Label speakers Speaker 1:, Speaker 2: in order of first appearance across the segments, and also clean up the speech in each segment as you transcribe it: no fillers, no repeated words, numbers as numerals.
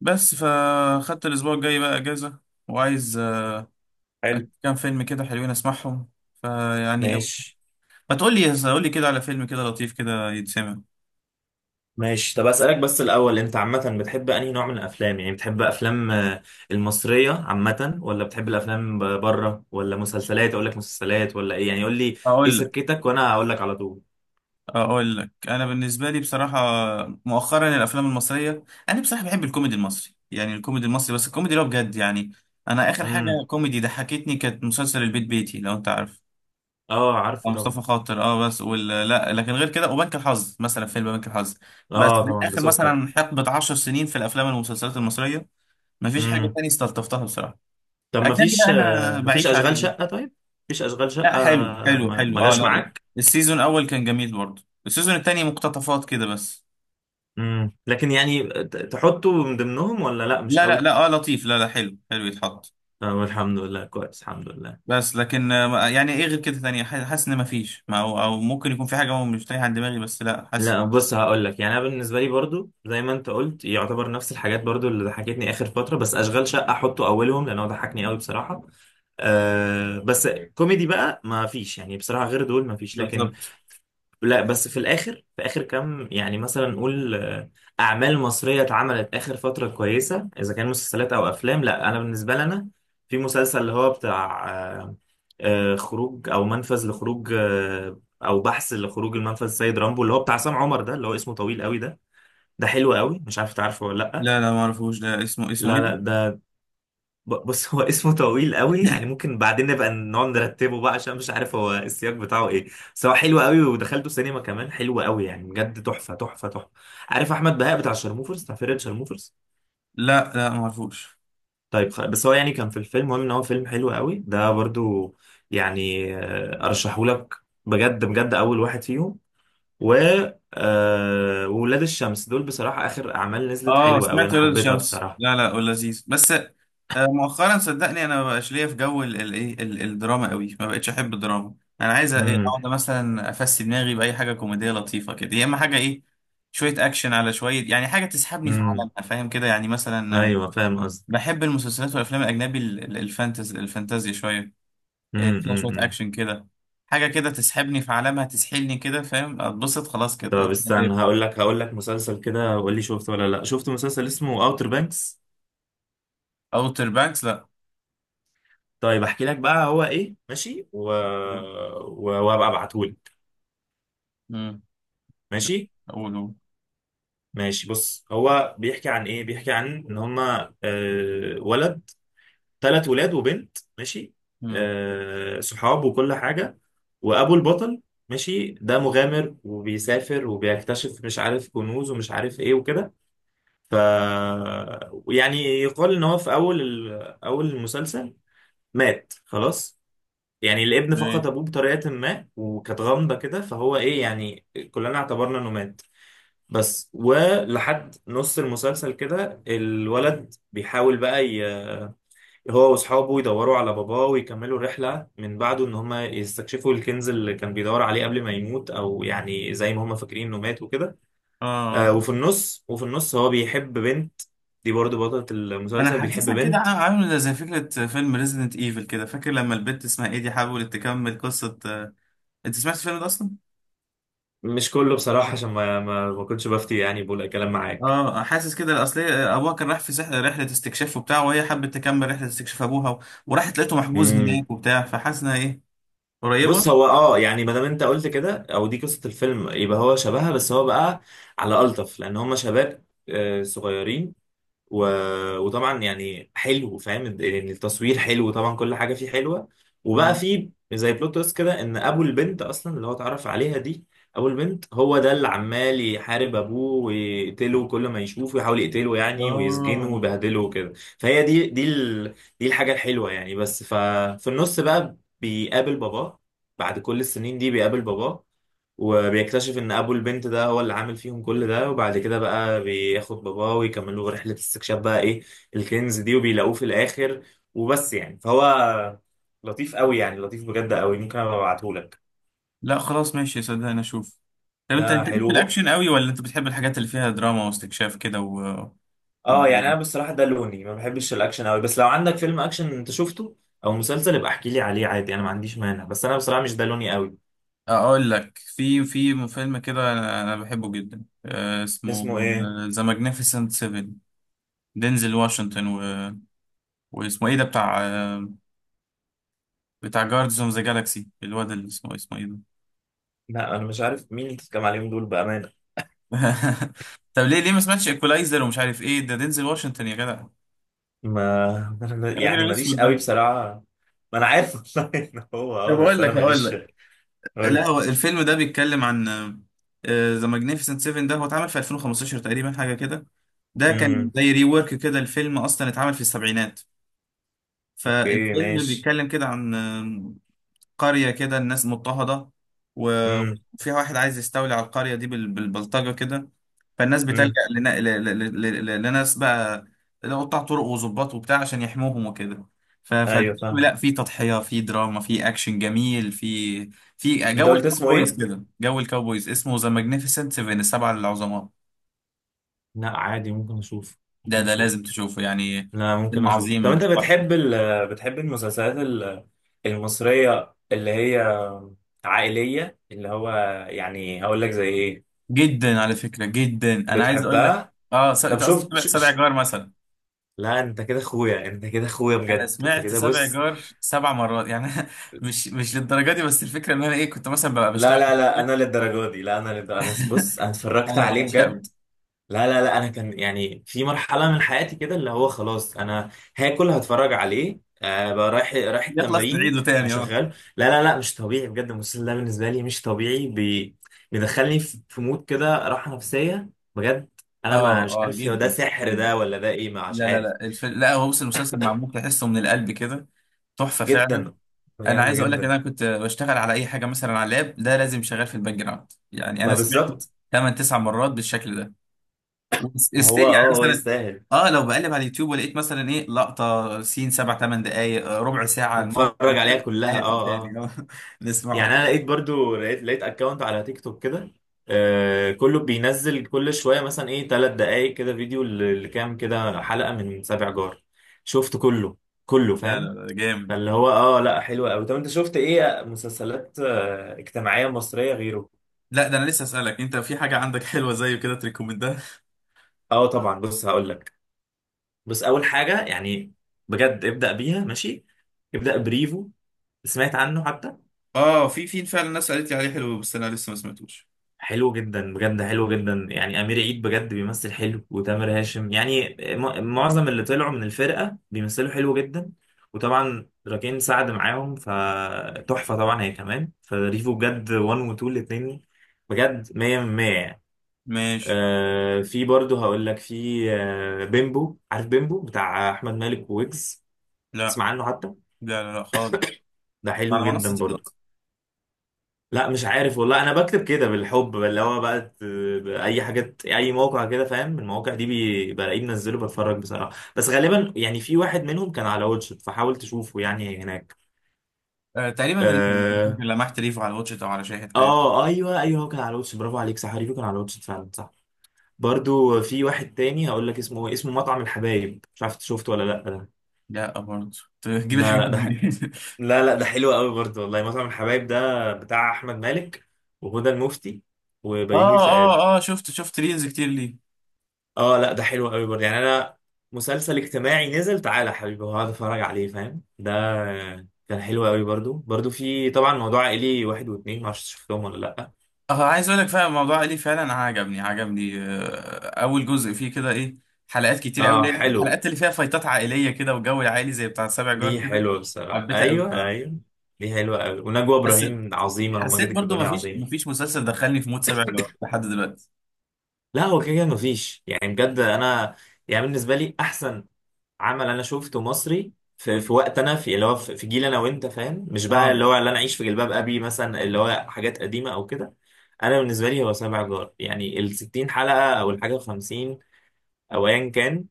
Speaker 1: بس فخدت الأسبوع الجاي بقى أجازة وعايز
Speaker 2: حلو.
Speaker 1: أشوف كام فيلم كده حلوين أسمعهم فيعني
Speaker 2: ماشي
Speaker 1: ما تقول لي قول لي كده على فيلم كده لطيف كده يتسمع.
Speaker 2: ماشي. طب اسالك بس الاول، انت عامه بتحب انهي نوع من الافلام؟ يعني بتحب افلام المصريه عامه، ولا بتحب الافلام بره، ولا مسلسلات؟ اقول لك مسلسلات ولا ايه؟ يعني قول لي ايه،
Speaker 1: أقول لك
Speaker 2: سكتك وانا هقول لك على طول.
Speaker 1: أقول لك أنا بالنسبة لي بصراحة مؤخرا الأفلام المصرية، أنا بصراحة بحب الكوميدي المصري، يعني الكوميدي المصري بس الكوميدي اللي هو بجد يعني. أنا آخر حاجة
Speaker 2: امم.
Speaker 1: كوميدي ضحكتني كانت مسلسل البيت بيتي لو أنت عارف.
Speaker 2: اه
Speaker 1: اه
Speaker 2: عارفه طبعا.
Speaker 1: مصطفى خاطر اه بس لا لكن غير كده وبنك الحظ، مثلا فيلم بنك الحظ بس.
Speaker 2: اه
Speaker 1: من
Speaker 2: طبعا ده
Speaker 1: اخر
Speaker 2: سكر.
Speaker 1: مثلا حقبه 10 سنين في الافلام والمسلسلات المصريه، مفيش حاجه
Speaker 2: امم،
Speaker 1: تانية استلطفتها بصراحه.
Speaker 2: طب
Speaker 1: اجنبي بقى انا
Speaker 2: ما فيش
Speaker 1: بعيش
Speaker 2: اشغال
Speaker 1: عليه.
Speaker 2: شقه؟ طيب. مفيش اشغال شقه؟
Speaker 1: لا حلو حلو
Speaker 2: ما
Speaker 1: حلو
Speaker 2: ما
Speaker 1: اه،
Speaker 2: جاش
Speaker 1: لا
Speaker 2: معاك؟
Speaker 1: السيزون الاول كان جميل، برضه السيزون التاني مقتطفات كده بس.
Speaker 2: امم، لكن يعني تحطه من ضمنهم ولا لا، مش
Speaker 1: لا لا
Speaker 2: قوي؟
Speaker 1: لا اه لطيف، لا لا حلو حلو يتحط.
Speaker 2: طب الحمد لله كويس، الحمد لله.
Speaker 1: بس لكن يعني ايه غير كده تانية، حاسس ان مفيش، ما هو او ممكن يكون في حاجه هو مش تايه عن دماغي بس، لا حاسس.
Speaker 2: لا بص، هقول لك، يعني انا بالنسبه لي برضو زي ما انت قلت، يعتبر نفس الحاجات برضو اللي ضحكتني اخر فتره، بس اشغال شقه احطه اولهم لان هو ضحكني قوي بصراحه. أه بس. كوميدي بقى ما فيش يعني بصراحه غير دول، ما فيش لكن.
Speaker 1: بالظبط.
Speaker 2: لا بس في الاخر، في اخر كام يعني مثلا نقول اعمال مصريه اتعملت اخر فتره كويسه، اذا كان مسلسلات او افلام. لا انا بالنسبه لي، انا في مسلسل اللي هو بتاع آه، خروج او منفذ لخروج، او بحث لخروج المنفذ، السيد رامبو اللي هو بتاع عصام عمر، ده اللي هو اسمه طويل قوي ده. ده حلو قوي، مش عارف تعرفه ولا لا.
Speaker 1: لا لا ما اعرفوش ده، اسمه ايه
Speaker 2: لا
Speaker 1: ده؟
Speaker 2: لا ده بص، هو اسمه طويل قوي يعني، ممكن بعدين نبقى نقعد نرتبه بقى، عشان مش عارف هو السياق بتاعه ايه. بس هو حلو قوي، ودخلته سينما كمان حلو قوي يعني، بجد تحفه تحفه تحفه. عارف احمد بهاء بتاع شرموفرز، بتاع فرقه شرموفرز؟
Speaker 1: لا لا ما اعرفوش.
Speaker 2: طيب بس هو يعني كان في الفيلم، المهم ان هو فيلم حلو قوي ده برضو، يعني ارشحه لك بجد بجد، اول واحد فيهم. و آه، وولاد الشمس، دول بصراحه اخر اعمال نزلت
Speaker 1: اه
Speaker 2: حلوه قوي، انا
Speaker 1: سمعت ولاد
Speaker 2: حبيتها
Speaker 1: الشمس،
Speaker 2: بصراحه.
Speaker 1: لا لا ولذيذ بس. مؤخرا صدقني انا ما بقاش ليا في جو الدراما قوي، ما بقتش احب الدراما. انا عايز ايه،
Speaker 2: امم،
Speaker 1: اقعد مثلا افسي دماغي باي حاجه كوميديه لطيفه كده، يا اما حاجه ايه، شويه اكشن على شويه، يعني حاجه تسحبني في
Speaker 2: امم.
Speaker 1: عالمها، فاهم كده يعني مثلا.
Speaker 2: ايوه فاهم قصدي.
Speaker 1: بحب المسلسلات والافلام الاجنبي، ال- ال- الفانتز الفانتازيا شويه،
Speaker 2: امم،
Speaker 1: فيها شويه اكشن كده، حاجه كده تسحبني في عالمها، تسحلني كده، فاهم، اتبسط خلاص
Speaker 2: طب
Speaker 1: كده.
Speaker 2: استنى، هقول لك مسلسل كده وقول لي شفته ولا لا. شفت مسلسل اسمه اوتر بانكس؟
Speaker 1: اوتر بانكس لا.
Speaker 2: طيب احكي لك بقى هو ايه، ماشي، و... و... وابقى ابعتهولك.
Speaker 1: مم.
Speaker 2: ماشي.
Speaker 1: اقوله.
Speaker 2: ماشي، بص، هو بيحكي عن ايه؟ بيحكي عن ان هما ولد، 3 ولاد وبنت، ماشي،
Speaker 1: امم.
Speaker 2: صحاب وكل حاجة. وابو البطل، ماشي، ده مغامر وبيسافر وبيكتشف، مش عارف كنوز ومش عارف ايه وكده. ف يعني يقال ان هو في اول المسلسل مات خلاص، يعني الابن فقد
Speaker 1: ليه؟
Speaker 2: ابوه بطريقه ما وكانت غامضه كده، فهو ايه يعني، كلنا اعتبرنا انه مات. بس ولحد نص المسلسل كده الولد بيحاول بقى هو واصحابه يدوروا على باباه ويكملوا رحله من بعده، ان هم يستكشفوا الكنز اللي كان بيدور عليه قبل ما يموت، او يعني زي ما هم فاكرين انه مات وكده.
Speaker 1: اه
Speaker 2: آه.
Speaker 1: آه.
Speaker 2: وفي النص هو بيحب بنت، دي برضه بطلة
Speaker 1: انا
Speaker 2: المسلسل، بيحب
Speaker 1: حاسسها كده
Speaker 2: بنت.
Speaker 1: عامله زي فكره فيلم ريزيدنت ايفل كده، فاكر لما البت اسمها ايدي حاولت تكمل قصه. انت سمعت الفيلم ده اصلا؟
Speaker 2: مش كله بصراحة عشان ما كنتش بفتي، يعني بقول كلام
Speaker 1: اه
Speaker 2: معاك.
Speaker 1: حاسس كده، اصل هي ابوها كان راح في رحله استكشاف وبتاع، وهي حبت تكمل رحله استكشاف ابوها، و... وراحت لقيته محجوز
Speaker 2: مم.
Speaker 1: هناك وبتاع، فحاسس انها ايه
Speaker 2: بص
Speaker 1: قريبه.
Speaker 2: هو اه، يعني ما دام انت قلت كده او دي قصه الفيلم، يبقى هو شبهها، بس هو بقى على الطف، لان هم شباب صغيرين. و... وطبعا يعني حلو، فاهم يعني التصوير حلو طبعا، كل حاجه فيه حلوه. وبقى
Speaker 1: اه
Speaker 2: فيه زي بلوت تويست كده، ان ابو البنت اصلا اللي هو اتعرف عليها دي، ابو البنت هو ده اللي عمال يحارب ابوه ويقتله، كل ما يشوفه يحاول يقتله يعني، ويسجنه
Speaker 1: اه.
Speaker 2: ويبهدله وكده. فهي دي الحاجه الحلوه يعني. بس ففي النص بقى بيقابل باباه، بعد كل السنين دي بيقابل باباه، وبيكتشف ان ابو البنت ده هو اللي عامل فيهم كل ده، وبعد كده بقى بياخد باباه ويكملوا رحلة استكشاف بقى ايه، الكنز دي، وبيلاقوه في الاخر وبس. يعني فهو لطيف قوي يعني، لطيف بجد قوي، ممكن ابقى ابعتهولك.
Speaker 1: لا خلاص ماشي، صدقني اشوف. طب انت انت
Speaker 2: ده
Speaker 1: ليك في
Speaker 2: حلو بقى.
Speaker 1: الاكشن قوي، ولا انت بتحب الحاجات اللي فيها دراما واستكشاف كده؟ و... و...
Speaker 2: اه يعني انا بصراحة ده لوني، ما بحبش الاكشن قوي، بس لو عندك فيلم اكشن انت شفته او مسلسل يبقى احكي لي عليه، عادي انا ما عنديش مانع، بس انا بصراحة مش ده لوني قوي.
Speaker 1: اقول لك، في فيلم كده انا بحبه جدا اسمه
Speaker 2: اسمه ايه؟
Speaker 1: ذا ماجنيفيسنت 7، دينزل واشنطن، و... واسمه ايه ده بتاع بتاع جاردز اوف ذا جالاكسي، الواد اللي اسمه، اسمه ايه ده؟
Speaker 2: لا انا مش عارف مين اللي بتتكلم عليهم دول بأمانة.
Speaker 1: طب ليه ليه ما سمعتش ايكولايزر ومش عارف ايه ده، دينزل واشنطن يا جدع،
Speaker 2: ما
Speaker 1: الراجل
Speaker 2: يعني ماليش
Speaker 1: الاسود
Speaker 2: قوي
Speaker 1: ده.
Speaker 2: بصراحة، ما انا عارف والله ان هو
Speaker 1: طب
Speaker 2: اه، بس
Speaker 1: اقول
Speaker 2: انا
Speaker 1: لك هقول
Speaker 2: ماليش.
Speaker 1: لك لا
Speaker 2: قول.
Speaker 1: هو الفيلم ده بيتكلم عن ذا ماجنيفيسنت 7. ده هو اتعمل في 2015 تقريبا حاجه كده، ده كان
Speaker 2: امم،
Speaker 1: زي ري ورك كده، الفيلم اصلا اتعمل في السبعينات.
Speaker 2: اوكي
Speaker 1: فالفيلم
Speaker 2: ماشي.
Speaker 1: بيتكلم كده عن قرية كده الناس مضطهدة، و-
Speaker 2: امم،
Speaker 1: وفيها واحد عايز يستولي على القرية دي بالبلطجة كده، فالناس
Speaker 2: امم.
Speaker 1: بتلجأ ل- لناس بقى قطاع طرق وظباط وبتاع عشان يحموهم وكده.
Speaker 2: ايوه
Speaker 1: فالفيلم
Speaker 2: فاهم.
Speaker 1: لا فيه تضحية، فيه دراما، فيه أكشن جميل، فيه فيه
Speaker 2: انت
Speaker 1: جو
Speaker 2: قلت اسمه
Speaker 1: الكاوبويز
Speaker 2: ايه؟
Speaker 1: كده، جو الكاوبويز، اسمه ذا ماجنيفيسنت سيفن، السبعة العظماء.
Speaker 2: لا عادي، ممكن اشوف، ممكن
Speaker 1: ده
Speaker 2: اشوف.
Speaker 1: لازم تشوفه يعني،
Speaker 2: لا ممكن
Speaker 1: فيلم
Speaker 2: اشوف. طب انت
Speaker 1: عظيم،
Speaker 2: بتحب ال بتحب المسلسلات المصرية اللي هي عائلية، اللي هو يعني هقول لك زي ايه،
Speaker 1: جدا على فكرة جدا. انا عايز اقول لك
Speaker 2: بتحبها؟
Speaker 1: اه
Speaker 2: طب
Speaker 1: انت قصدك
Speaker 2: شفت
Speaker 1: سبع سبع جار مثلا.
Speaker 2: لا انت كده اخويا، انت كده اخويا
Speaker 1: انا
Speaker 2: بجد، انت
Speaker 1: سمعت
Speaker 2: كده.
Speaker 1: سبع
Speaker 2: بص.
Speaker 1: جار سبع مرات يعني. مش للدرجة دي، بس الفكرة ان انا ايه، كنت مثلا ببقى
Speaker 2: لا
Speaker 1: بشتغل.
Speaker 2: لا لا، انا للدرجه دي، لا انا للدرجة. انا بص، انا اتفرجت
Speaker 1: انا
Speaker 2: عليه
Speaker 1: بعشقه،
Speaker 2: بجد. لا لا لا، انا كان يعني في مرحله من حياتي كده، اللي هو خلاص انا هاكل هتفرج عليه، آه بقى رايح
Speaker 1: يخلص
Speaker 2: التمرين
Speaker 1: نعيده تاني اه.
Speaker 2: هشغله. لا لا لا، مش طبيعي بجد، المسلسل ده بالنسبه لي مش طبيعي. بيدخلني في مود كده، راحه نفسيه بجد. انا
Speaker 1: اه
Speaker 2: ما مش
Speaker 1: اه
Speaker 2: عارف ده
Speaker 1: جدا
Speaker 2: سحر
Speaker 1: جدا.
Speaker 2: ده ولا ده ايه، ما مش
Speaker 1: لا لا
Speaker 2: عارف.
Speaker 1: لا لا هو بص المسلسل معمول تحسه من القلب كده، تحفة فعلا.
Speaker 2: جدا،
Speaker 1: انا
Speaker 2: بجد
Speaker 1: عايز اقول لك ان
Speaker 2: جدا.
Speaker 1: انا كنت بشتغل على اي حاجة مثلا على اللاب، ده لازم شغال في الباك جراوند، يعني انا
Speaker 2: ما
Speaker 1: سمعته
Speaker 2: بالظبط،
Speaker 1: 8 9 مرات بالشكل ده،
Speaker 2: ما
Speaker 1: وستيل
Speaker 2: هو
Speaker 1: يعني
Speaker 2: اه هو
Speaker 1: مثلا
Speaker 2: يستاهل.
Speaker 1: اه، لو بقلب على اليوتيوب ولقيت مثلا ايه لقطه سين سبع ثمان دقائق، ربع ساعه، الموقف
Speaker 2: نتفرج عليها
Speaker 1: الحلقه
Speaker 2: كلها اه.
Speaker 1: تاني
Speaker 2: آه.
Speaker 1: آه، نسمعه.
Speaker 2: يعني انا لقيت برضو، لقيت اكونت على تيك توك كده، آه كله بينزل كل شويه مثلا ايه، 3 دقائق كده فيديو لكام كده حلقه من سابع جار. شفت كله، كله
Speaker 1: لا
Speaker 2: فاهم.
Speaker 1: لا لا جامد.
Speaker 2: فاللي هو اه، لا حلو قوي. طب انت شفت ايه مسلسلات آه اجتماعيه مصريه غيره؟
Speaker 1: لا ده انا لسه اسالك، انت في حاجه عندك حلوه زيه كده تريكومندها؟
Speaker 2: اه طبعا بص هقول لك. بص، اول حاجه يعني بجد، ابدا بيها ماشي، ابدا بريفو. سمعت عنه حتى؟
Speaker 1: اه في فعلا ناس قالت لي عليه حلو، بس انا لسه ما سمعتوش.
Speaker 2: حلو جدا بجد، حلو جدا يعني، امير عيد بجد بيمثل حلو، وتامر هاشم يعني معظم اللي طلعوا من الفرقه بيمثلوا حلو جدا، وطبعا راكين سعد معاهم، فتحفه طبعا هي كمان. فريفو بجد 1 و 2 الاثنين، بجد 100 من 100 يعني.
Speaker 1: ماشي.
Speaker 2: آه، في برضه هقول لك، في آه بيمبو، عارف بيمبو بتاع احمد مالك وويجز؟
Speaker 1: لا
Speaker 2: تسمع عنه حتى؟
Speaker 1: لا لا, لا خالص.
Speaker 2: ده حلو
Speaker 1: على منصه
Speaker 2: جدا
Speaker 1: ايه
Speaker 2: برضه.
Speaker 1: اصلا؟
Speaker 2: لا مش عارف والله، انا بكتب كده بالحب اللي هو بقى اي حاجه اي موقع كده، فاهم المواقع دي، بلاقيه منزله بتفرج بصراحه، بس غالبا يعني في واحد منهم كان على واتشت فحاول تشوفه يعني هناك.
Speaker 1: آه تقريبا ريفو، ممكن
Speaker 2: اه،
Speaker 1: لمحت ريفو على واتشت او على شاهد حاجه.
Speaker 2: اه ايوه، هو كان على واتشت، برافو عليك، صح، ريفو كان على واتشت فعلا، صح. برضو في واحد تاني هقول لك اسمه اسمه مطعم الحبايب، مش عارف إنت شفته ولا لا ده؟
Speaker 1: لا برضه تجيب
Speaker 2: لا
Speaker 1: الحاجات
Speaker 2: لا ده
Speaker 1: دي.
Speaker 2: لا لا ده حلو قوي برضو والله، مطعم الحبايب ده بتاع احمد مالك وهدى المفتي وبيومي
Speaker 1: اه
Speaker 2: فؤاد.
Speaker 1: اه اه شفت شفت ريلز كتير ليه.
Speaker 2: اه، لا ده حلو قوي برضه يعني. انا مسلسل اجتماعي نزل تعالى يا حبيبي، وهقعد اتفرج عليه، فاهم ده؟ كان حلو قوي برضه، برضه في طبعا موضوع عائلي واحد واثنين، معرفش شفتهم ولا لا.
Speaker 1: اه عايز اقول لك فعلا الموضوع ليه فعلا عجبني اول جزء فيه كده ايه، حلقات كتير
Speaker 2: اه
Speaker 1: قوي
Speaker 2: حلو.
Speaker 1: الحلقات اللي فيها فايتات عائليه كده، وجو العائلي زي بتاع سابع جار
Speaker 2: دي
Speaker 1: كده،
Speaker 2: حلوه بصراحه،
Speaker 1: حبيتها قوي
Speaker 2: ايوه
Speaker 1: طبعا.
Speaker 2: ايوه، دي حلوه قوي، ونجوى
Speaker 1: بس
Speaker 2: ابراهيم عظيمه
Speaker 1: حسيت
Speaker 2: وماجد
Speaker 1: برضو
Speaker 2: الكدواني
Speaker 1: مفيش،
Speaker 2: عظيم.
Speaker 1: مسلسل دخلني في مود سابع جار لحد دلوقتي.
Speaker 2: لا هو كده كده مفيش يعني بجد، انا يعني بالنسبه لي احسن عمل انا شفته مصري في، وقت، انا في اللي هو في جيل انا وانت فاهم، مش بقى
Speaker 1: اه.
Speaker 2: اللي هو اللي انا اعيش في جلباب ابي مثلا اللي هو حاجات قديمه او كده. انا بالنسبه لي هو سبع جار، يعني ال 60 حلقه او الحاجه 50 او ايا كان،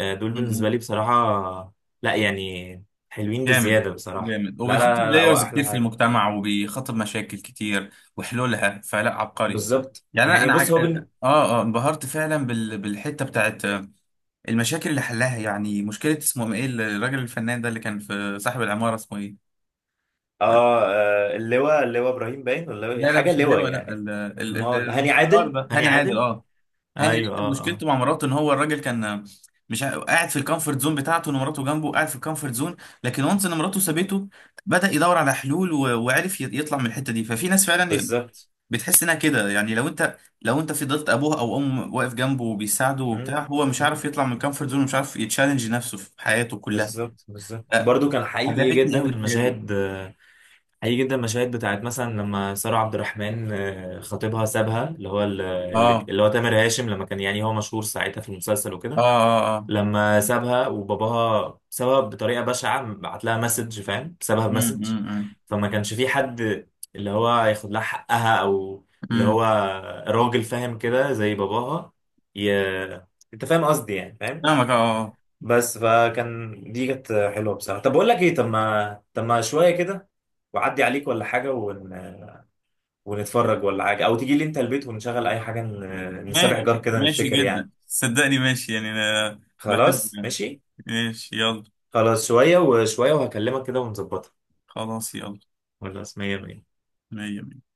Speaker 2: دول
Speaker 1: م-
Speaker 2: بالنسبه
Speaker 1: م.
Speaker 2: لي بصراحه، لا يعني حلوين
Speaker 1: جامد
Speaker 2: بزياده بصراحه.
Speaker 1: جامد،
Speaker 2: لا لا
Speaker 1: وبيخاطب
Speaker 2: لا, لا هو
Speaker 1: بلايرز كتير
Speaker 2: احلى
Speaker 1: في
Speaker 2: حاجه،
Speaker 1: المجتمع، وبيخاطب مشاكل كتير وحلولها، فلا عبقري
Speaker 2: بالظبط
Speaker 1: يعني. انا
Speaker 2: يعني.
Speaker 1: انا
Speaker 2: بص
Speaker 1: عج...
Speaker 2: هو
Speaker 1: اه اه انبهرت فعلا بالحته بتاعت المشاكل اللي حلها، يعني مشكلة اسمه ايه الراجل الفنان ده اللي كان في صاحب العمارة، اسمه ايه؟
Speaker 2: اه اللواء، اللواء ابراهيم، باين ولا إيه؟
Speaker 1: لا لا
Speaker 2: حاجه
Speaker 1: مش
Speaker 2: اللواء
Speaker 1: اللواء، لا
Speaker 2: يعني. امال هاني
Speaker 1: الموسيقار
Speaker 2: عادل،
Speaker 1: ده،
Speaker 2: هاني
Speaker 1: هاني عادل
Speaker 2: عادل
Speaker 1: اه. هاني
Speaker 2: ايوه
Speaker 1: عادل
Speaker 2: اه اه،
Speaker 1: مشكلته مع مراته ان هو الراجل كان مش ع- قاعد في الكومفورت زون بتاعته، ان مراته جنبه قاعد في الكومفورت زون، لكن وانس ان مراته سابته، بدأ يدور على حلول وعرف يطلع من الحتة دي. ففي ناس فعلا
Speaker 2: بالظبط.
Speaker 1: بتحس انها كده، يعني لو انت لو انت فضلت ابوه او امه واقف جنبه وبيساعده
Speaker 2: مم.
Speaker 1: وبتاع، هو مش
Speaker 2: مم.
Speaker 1: عارف يطلع من الكومفورت زون ومش عارف يتشالنج نفسه في حياته كلها.
Speaker 2: بالظبط بالظبط. برضو كان
Speaker 1: عجبتني قوي الحاجات دي.
Speaker 2: حقيقي جدا المشاهد بتاعت مثلا لما سارة عبد الرحمن خطيبها سابها، اللي هو
Speaker 1: اه
Speaker 2: اللي هو تامر هاشم، لما كان يعني هو مشهور ساعتها في المسلسل
Speaker 1: اه
Speaker 2: وكده،
Speaker 1: اه اه.
Speaker 2: لما سابها وباباها، سابها بطريقة بشعة، بعت لها مسج، فاهم سابها
Speaker 1: امم
Speaker 2: بمسج.
Speaker 1: امم
Speaker 2: فما كانش في حد اللي هو ياخد لها حقها، او اللي
Speaker 1: امم.
Speaker 2: هو راجل فاهم كده زي باباها. ي... انت فاهم قصدي، يعني فاهم.
Speaker 1: فاهمك اه آه.
Speaker 2: بس فكان دي كانت حلوه بصراحه. طب بقول لك ايه، طب ما طب ما شويه كده وعدي عليك ولا حاجه، ون... ونتفرج ولا حاجه، او تيجي لي انت البيت ونشغل اي حاجه، نسابح
Speaker 1: ماشي
Speaker 2: جار كده
Speaker 1: ماشي
Speaker 2: نفتكر يعني.
Speaker 1: جدا صدقني ماشي، يعني انا بحب
Speaker 2: خلاص
Speaker 1: يعني.
Speaker 2: ماشي.
Speaker 1: ماشي يلا.
Speaker 2: خلاص، شويه وشويه وهكلمك كده ونظبطها.
Speaker 1: خلاص يلا.
Speaker 2: خلاص مية مية.
Speaker 1: مية مية.